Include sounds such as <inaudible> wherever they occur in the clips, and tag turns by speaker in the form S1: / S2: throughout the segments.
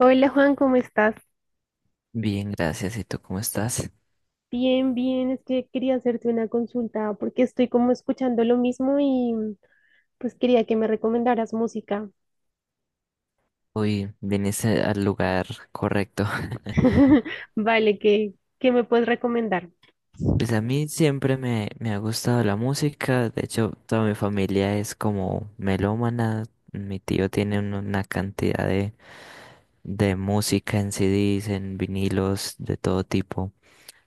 S1: Hola Juan, ¿cómo estás?
S2: Bien, gracias. ¿Y tú cómo estás?
S1: Bien, es que quería hacerte una consulta porque estoy como escuchando lo mismo y pues quería que me recomendaras música.
S2: Hoy viniste al lugar correcto. <laughs>
S1: <laughs> Vale, ¿qué me puedes recomendar?
S2: Pues a mí siempre me ha gustado la música. De hecho, toda mi familia es como melómana. Mi tío tiene una cantidad de música en CDs, en vinilos, de todo tipo.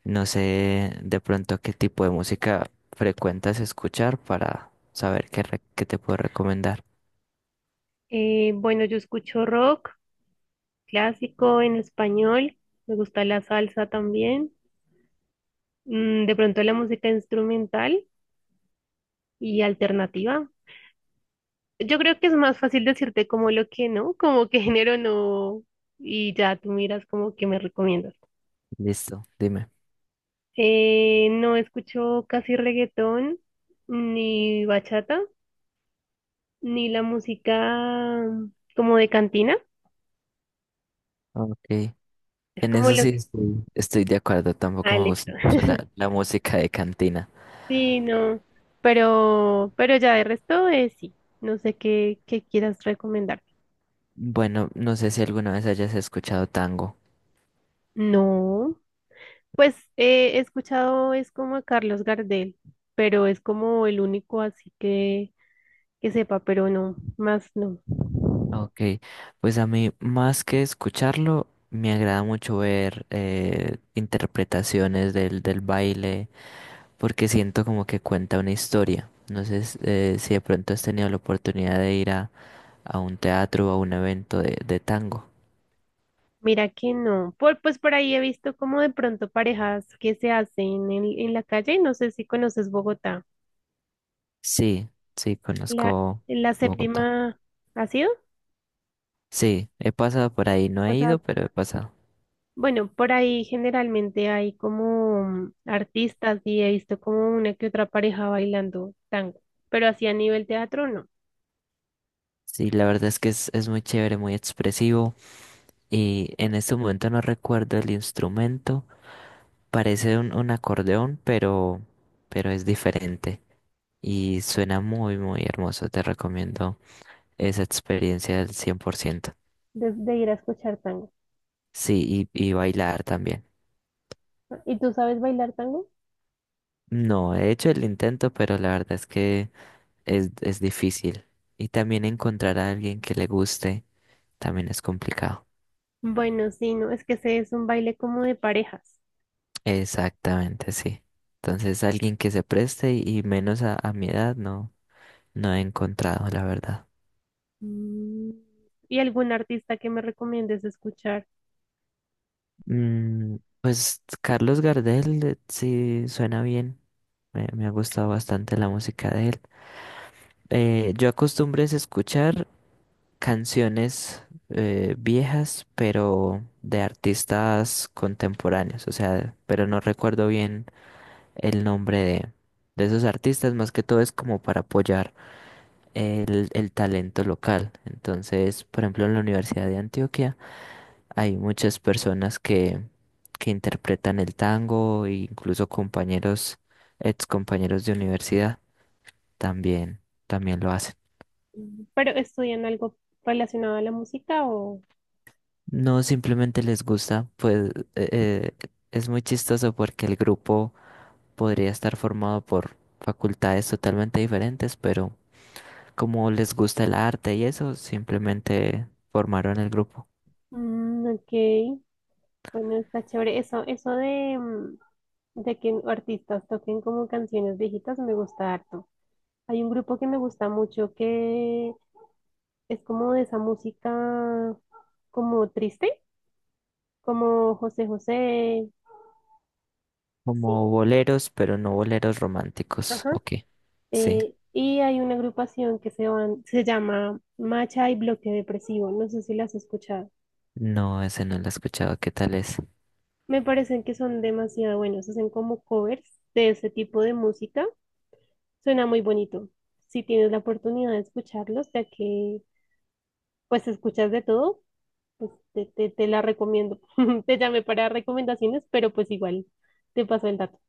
S2: No sé de pronto qué tipo de música frecuentas escuchar para saber qué te puedo recomendar.
S1: Bueno, yo escucho rock clásico en español, me gusta la salsa también, de pronto la música instrumental y alternativa. Yo creo que es más fácil decirte como lo que no, como qué <laughs> género no, y ya tú miras como que me recomiendas.
S2: Listo, dime.
S1: No escucho casi reggaetón, ni bachata, ni la música como de cantina.
S2: Ok.
S1: Es
S2: En
S1: como
S2: eso
S1: lo
S2: sí
S1: que...
S2: estoy de acuerdo, tampoco
S1: Ah,
S2: me gusta
S1: listo.
S2: mucho
S1: <laughs>
S2: la música de cantina.
S1: Sí, no. Pero ya de resto, sí. No sé qué quieras recomendar.
S2: Bueno, no sé si alguna vez hayas escuchado tango.
S1: No. Pues he escuchado, es como a Carlos Gardel, pero es como el único que sepa, pero no, más no.
S2: Ok, pues a mí más que escucharlo, me agrada mucho ver interpretaciones del baile, porque siento como que cuenta una historia. No sé si de pronto has tenido la oportunidad de ir a un teatro o a un evento de tango.
S1: Mira que no. Pues por ahí he visto como de pronto parejas que se hacen en la calle y no sé si conoces Bogotá.
S2: Sí, sí,
S1: La,
S2: conozco
S1: la
S2: Bogotá.
S1: séptima ha sido.
S2: Sí, he pasado por ahí, no he
S1: O sea,
S2: ido, pero he pasado.
S1: bueno, por ahí generalmente hay como artistas y he visto como una que otra pareja bailando tango, pero así a nivel teatro no,
S2: Sí, la verdad es que es muy chévere, muy expresivo y en este momento no recuerdo el instrumento, parece un acordeón, pero es diferente y suena muy hermoso, te recomiendo esa experiencia al 100%.
S1: de ir a escuchar tango.
S2: Sí, y bailar también.
S1: ¿Y tú sabes bailar tango?
S2: No, he hecho el intento, pero la verdad es que es difícil y también encontrar a alguien que le guste también es complicado.
S1: Bueno, sí, no, es que ese es un baile como de parejas.
S2: Exactamente, sí. Entonces, alguien que se preste y menos a mi edad, no, no he encontrado, la verdad.
S1: Mm, ¿y algún artista que me recomiendes escuchar?
S2: Mm, pues Carlos Gardel, sí, suena bien. Me ha gustado bastante la música de él. Yo acostumbré es escuchar canciones viejas, pero de artistas contemporáneos, o sea, pero no recuerdo bien el nombre de esos artistas, más que todo es como para apoyar el talento local. Entonces, por ejemplo, en la Universidad de Antioquia hay muchas personas que interpretan el tango e incluso compañeros, ex compañeros de universidad también, también lo hacen.
S1: ¿Pero estudian algo relacionado a la música o...?
S2: No simplemente les gusta, pues eh, eh, es muy chistoso porque el grupo podría estar formado por facultades totalmente diferentes, pero como les gusta el arte y eso, simplemente formaron el grupo.
S1: Mm, ok, bueno, está chévere. Eso de, de que artistas toquen como canciones viejitas me gusta harto. Hay un grupo que me gusta mucho que es como de esa música como triste, como José José. Sí.
S2: Como boleros, pero no boleros románticos.
S1: Ajá.
S2: Ok, sí.
S1: Y hay una agrupación que se llama Macha y Bloque Depresivo. No sé si las has escuchado.
S2: No, ese no lo he escuchado. ¿Qué tal es? <laughs>
S1: Me parecen que son demasiado buenos, hacen como covers de ese tipo de música. Suena muy bonito. Si tienes la oportunidad de escucharlos, ya que pues escuchas de todo, pues te la recomiendo. <laughs> Te llamé para recomendaciones, pero pues igual te paso el dato.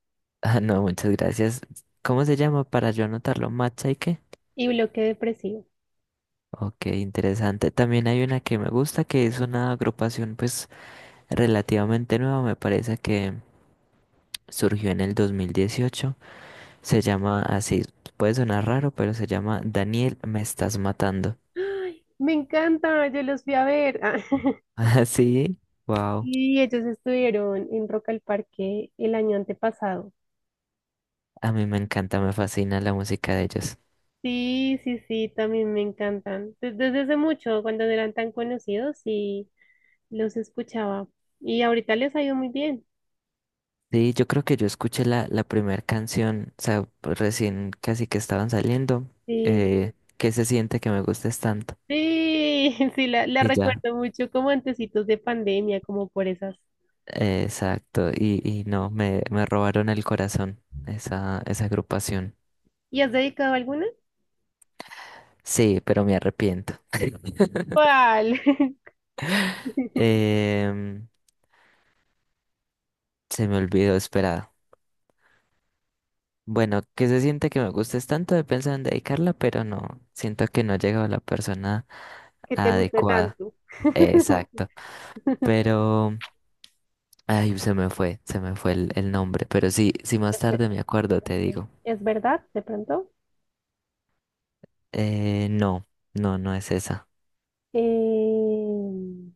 S2: Ah, no, muchas gracias. ¿Cómo se llama para yo anotarlo? ¿Matcha y qué?
S1: Y bloque depresivo.
S2: Ok, interesante. También hay una que me gusta, que es una agrupación pues relativamente nueva, me parece que surgió en el 2018. Se llama así, puede sonar raro, pero se llama Daniel, me estás matando.
S1: Me encanta, yo los fui a ver. <laughs>
S2: <laughs> Así,
S1: Ah,
S2: wow.
S1: y ellos estuvieron en Rock al Parque el año antepasado.
S2: A mí me encanta, me fascina la música de ellos.
S1: Sí, sí, sí, también me encantan. Desde hace mucho, cuando no eran tan conocidos, sí los escuchaba. Y ahorita les ha ido muy bien.
S2: Sí, yo creo que yo escuché la primera canción, o sea, pues recién casi que estaban saliendo,
S1: Sí,
S2: ¿qué se siente que me gustes tanto?
S1: sí, <laughs> sí, la
S2: Y ya,
S1: recuerdo mucho como antecitos de pandemia, como por esas.
S2: exacto, y no, me robaron el corazón esa agrupación.
S1: ¿Y has dedicado alguna?
S2: Sí, pero me arrepiento. <laughs>
S1: ¿Cuál? <laughs>
S2: Em, se me olvidó, esperado. Bueno, ¿qué se siente que me gustes tanto? He pensado en dedicarla, pero no, siento que no he llegado a la persona
S1: Que te guste
S2: adecuada.
S1: tanto.
S2: Exacto.
S1: <laughs>
S2: Pero... Ay, se me fue el nombre, pero sí, si más
S1: Es ver-
S2: tarde me acuerdo, te digo.
S1: es verdad, de pronto.
S2: Eh, no, no es esa.
S1: Eh,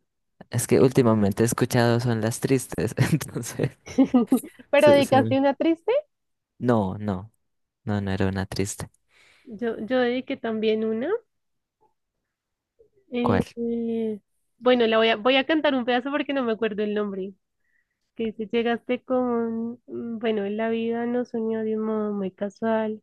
S2: Es que últimamente he escuchado son las tristes, <laughs> entonces
S1: <laughs> ¿pero
S2: se- se
S1: dedicaste
S2: me-
S1: una triste?
S2: no, no era una triste.
S1: Yo dediqué también una.
S2: ¿Cuál?
S1: Eh, bueno, voy a cantar un pedazo porque no me acuerdo el nombre. Que dice, bueno, la vida nos unió de un modo muy casual.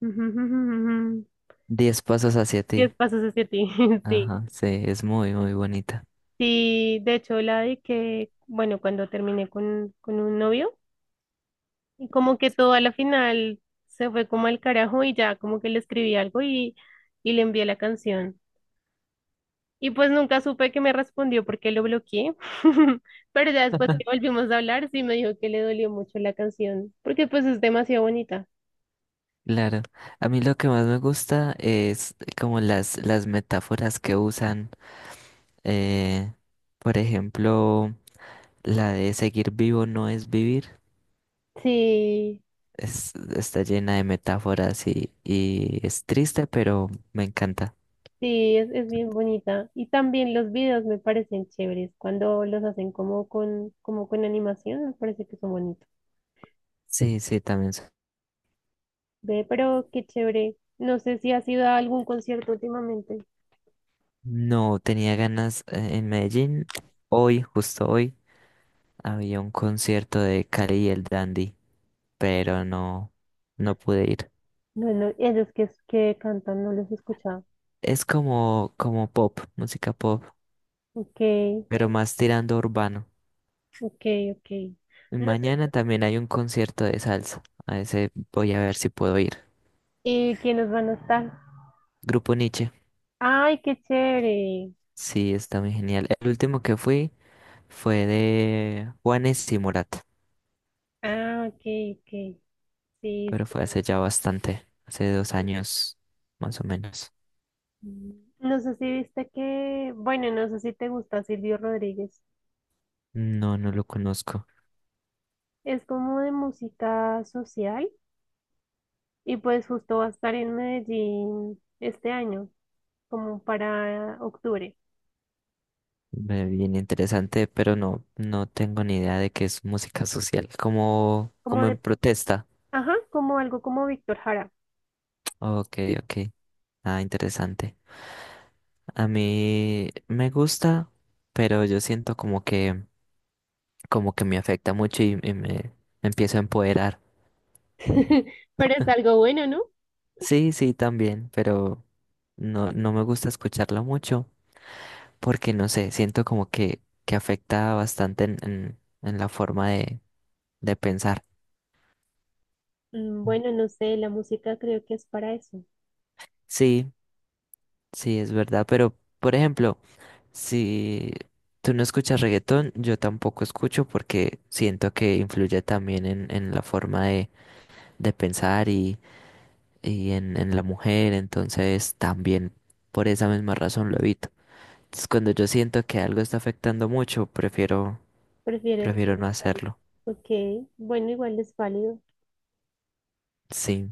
S1: <laughs>
S2: Diez pasos hacia ti.
S1: Diez pasos hacia ti, <laughs> sí.
S2: Ajá, sí, es muy bonita.
S1: Sí, de hecho, la de que, bueno, cuando terminé con un novio, y como que todo a la final se fue como al carajo y ya como que le escribí algo y le envié la canción. Y pues nunca supe que me respondió porque lo bloqueé. <laughs> Pero ya después que
S2: <laughs>
S1: volvimos a hablar, sí me dijo que le dolió mucho la canción, porque pues es demasiado bonita.
S2: Claro, a mí lo que más me gusta es como las metáforas que usan, eh, por ejemplo, la de seguir vivo no es vivir.
S1: Sí.
S2: Está llena de metáforas y es triste, pero me encanta.
S1: Sí, es bien bonita. Y también los videos me parecen chéveres. Cuando los hacen como con animación, me parece que son bonitos.
S2: Sí, sí, también.
S1: Ve, pero qué chévere. No sé si has ido a algún concierto últimamente.
S2: No, tenía ganas en Medellín. Hoy, justo hoy, había un concierto de Cali y el Dandy, pero no, no pude ir.
S1: Bueno, ellos que cantan, no los he escuchado.
S2: Es como, como pop, música pop,
S1: Ok,
S2: pero más tirando a urbano.
S1: ok, ok.
S2: Y
S1: No sé
S2: mañana también hay un concierto de salsa. A ese voy a ver si puedo ir.
S1: quiénes van a estar.
S2: Grupo Nietzsche.
S1: Ay, qué chévere.
S2: Sí, está muy genial. El último que fui fue de Juanes y Morat,
S1: Ah, ok, ok. Sí, sí.
S2: pero fue hace ya bastante, hace 2 años más o menos.
S1: No sé si viste que, bueno, no sé si te gusta Silvio Rodríguez.
S2: No, no lo conozco.
S1: Es como de música social y pues justo va a estar en Medellín este año, como para octubre,
S2: Ve, bien interesante, pero no, no tengo ni idea de qué es música social, como,
S1: como
S2: como en
S1: de,
S2: protesta.
S1: ajá, como algo como Víctor Jara.
S2: Ok, sí, ok. Ah, interesante. A mí me gusta, pero yo siento como que me afecta mucho y me empiezo a empoderar.
S1: <laughs> Pero es algo bueno, ¿no?
S2: Sí, sí, también, pero no, no me gusta escucharla mucho porque no sé, siento como que afecta bastante en la forma de pensar.
S1: Mm, bueno, no sé, la música creo que es para eso.
S2: Sí, sí, es verdad, pero por ejemplo, si tú no escuchas reggaetón, yo tampoco escucho porque siento que influye también en la forma de pensar y en la mujer, entonces también por esa misma razón lo evito. Entonces, cuando yo siento que algo está afectando mucho, prefiero,
S1: ¿Prefieres?
S2: prefiero no hacerlo.
S1: Ok, bueno, igual es válido.
S2: Sí,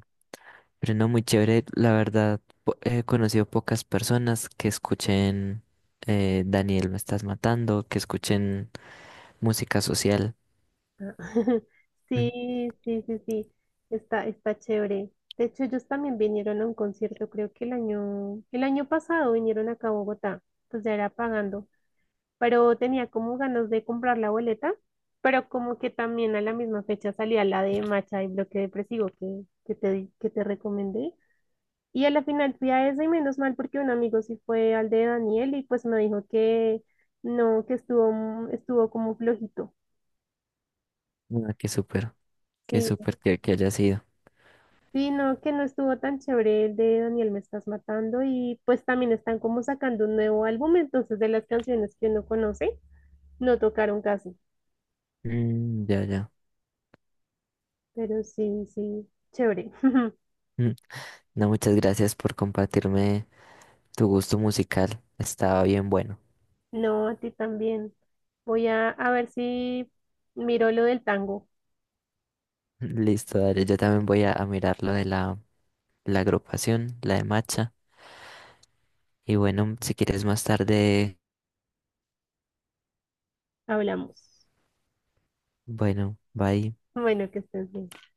S2: pero no muy chévere. La verdad, he conocido pocas personas que escuchen Daniel, me estás matando, que escuchen música social.
S1: <laughs>
S2: Mm.
S1: Sí, sí, sí, sí, está, está chévere. De hecho, ellos también vinieron a un concierto, creo que el año pasado vinieron acá a Bogotá, pues ya era pagando, pero tenía como ganas de comprar la boleta, pero como que también a la misma fecha salía la de Macha y Bloque Depresivo que te recomendé. Y a la final fui a esa y menos mal porque un amigo sí fue al de Daniel y pues me dijo que no, que estuvo como flojito.
S2: Ah, qué
S1: Sí,
S2: súper que haya sido.
S1: sí, no, que no estuvo tan chévere el de Daniel Me Estás Matando y pues también están como sacando un nuevo álbum, entonces de las canciones que uno conoce, no tocaron casi,
S2: Mm, ya, ya.
S1: pero sí, sí, chévere. <laughs>
S2: Mm. No, muchas gracias por compartirme tu gusto musical. Estaba bien bueno.
S1: No, a ti también. A ver si miro lo del tango,
S2: Listo, dale. Yo también voy a mirar lo de la agrupación, la de Macha. Y bueno, si quieres más tarde,
S1: hablamos.
S2: bueno, bye.
S1: Bueno, que estés bien.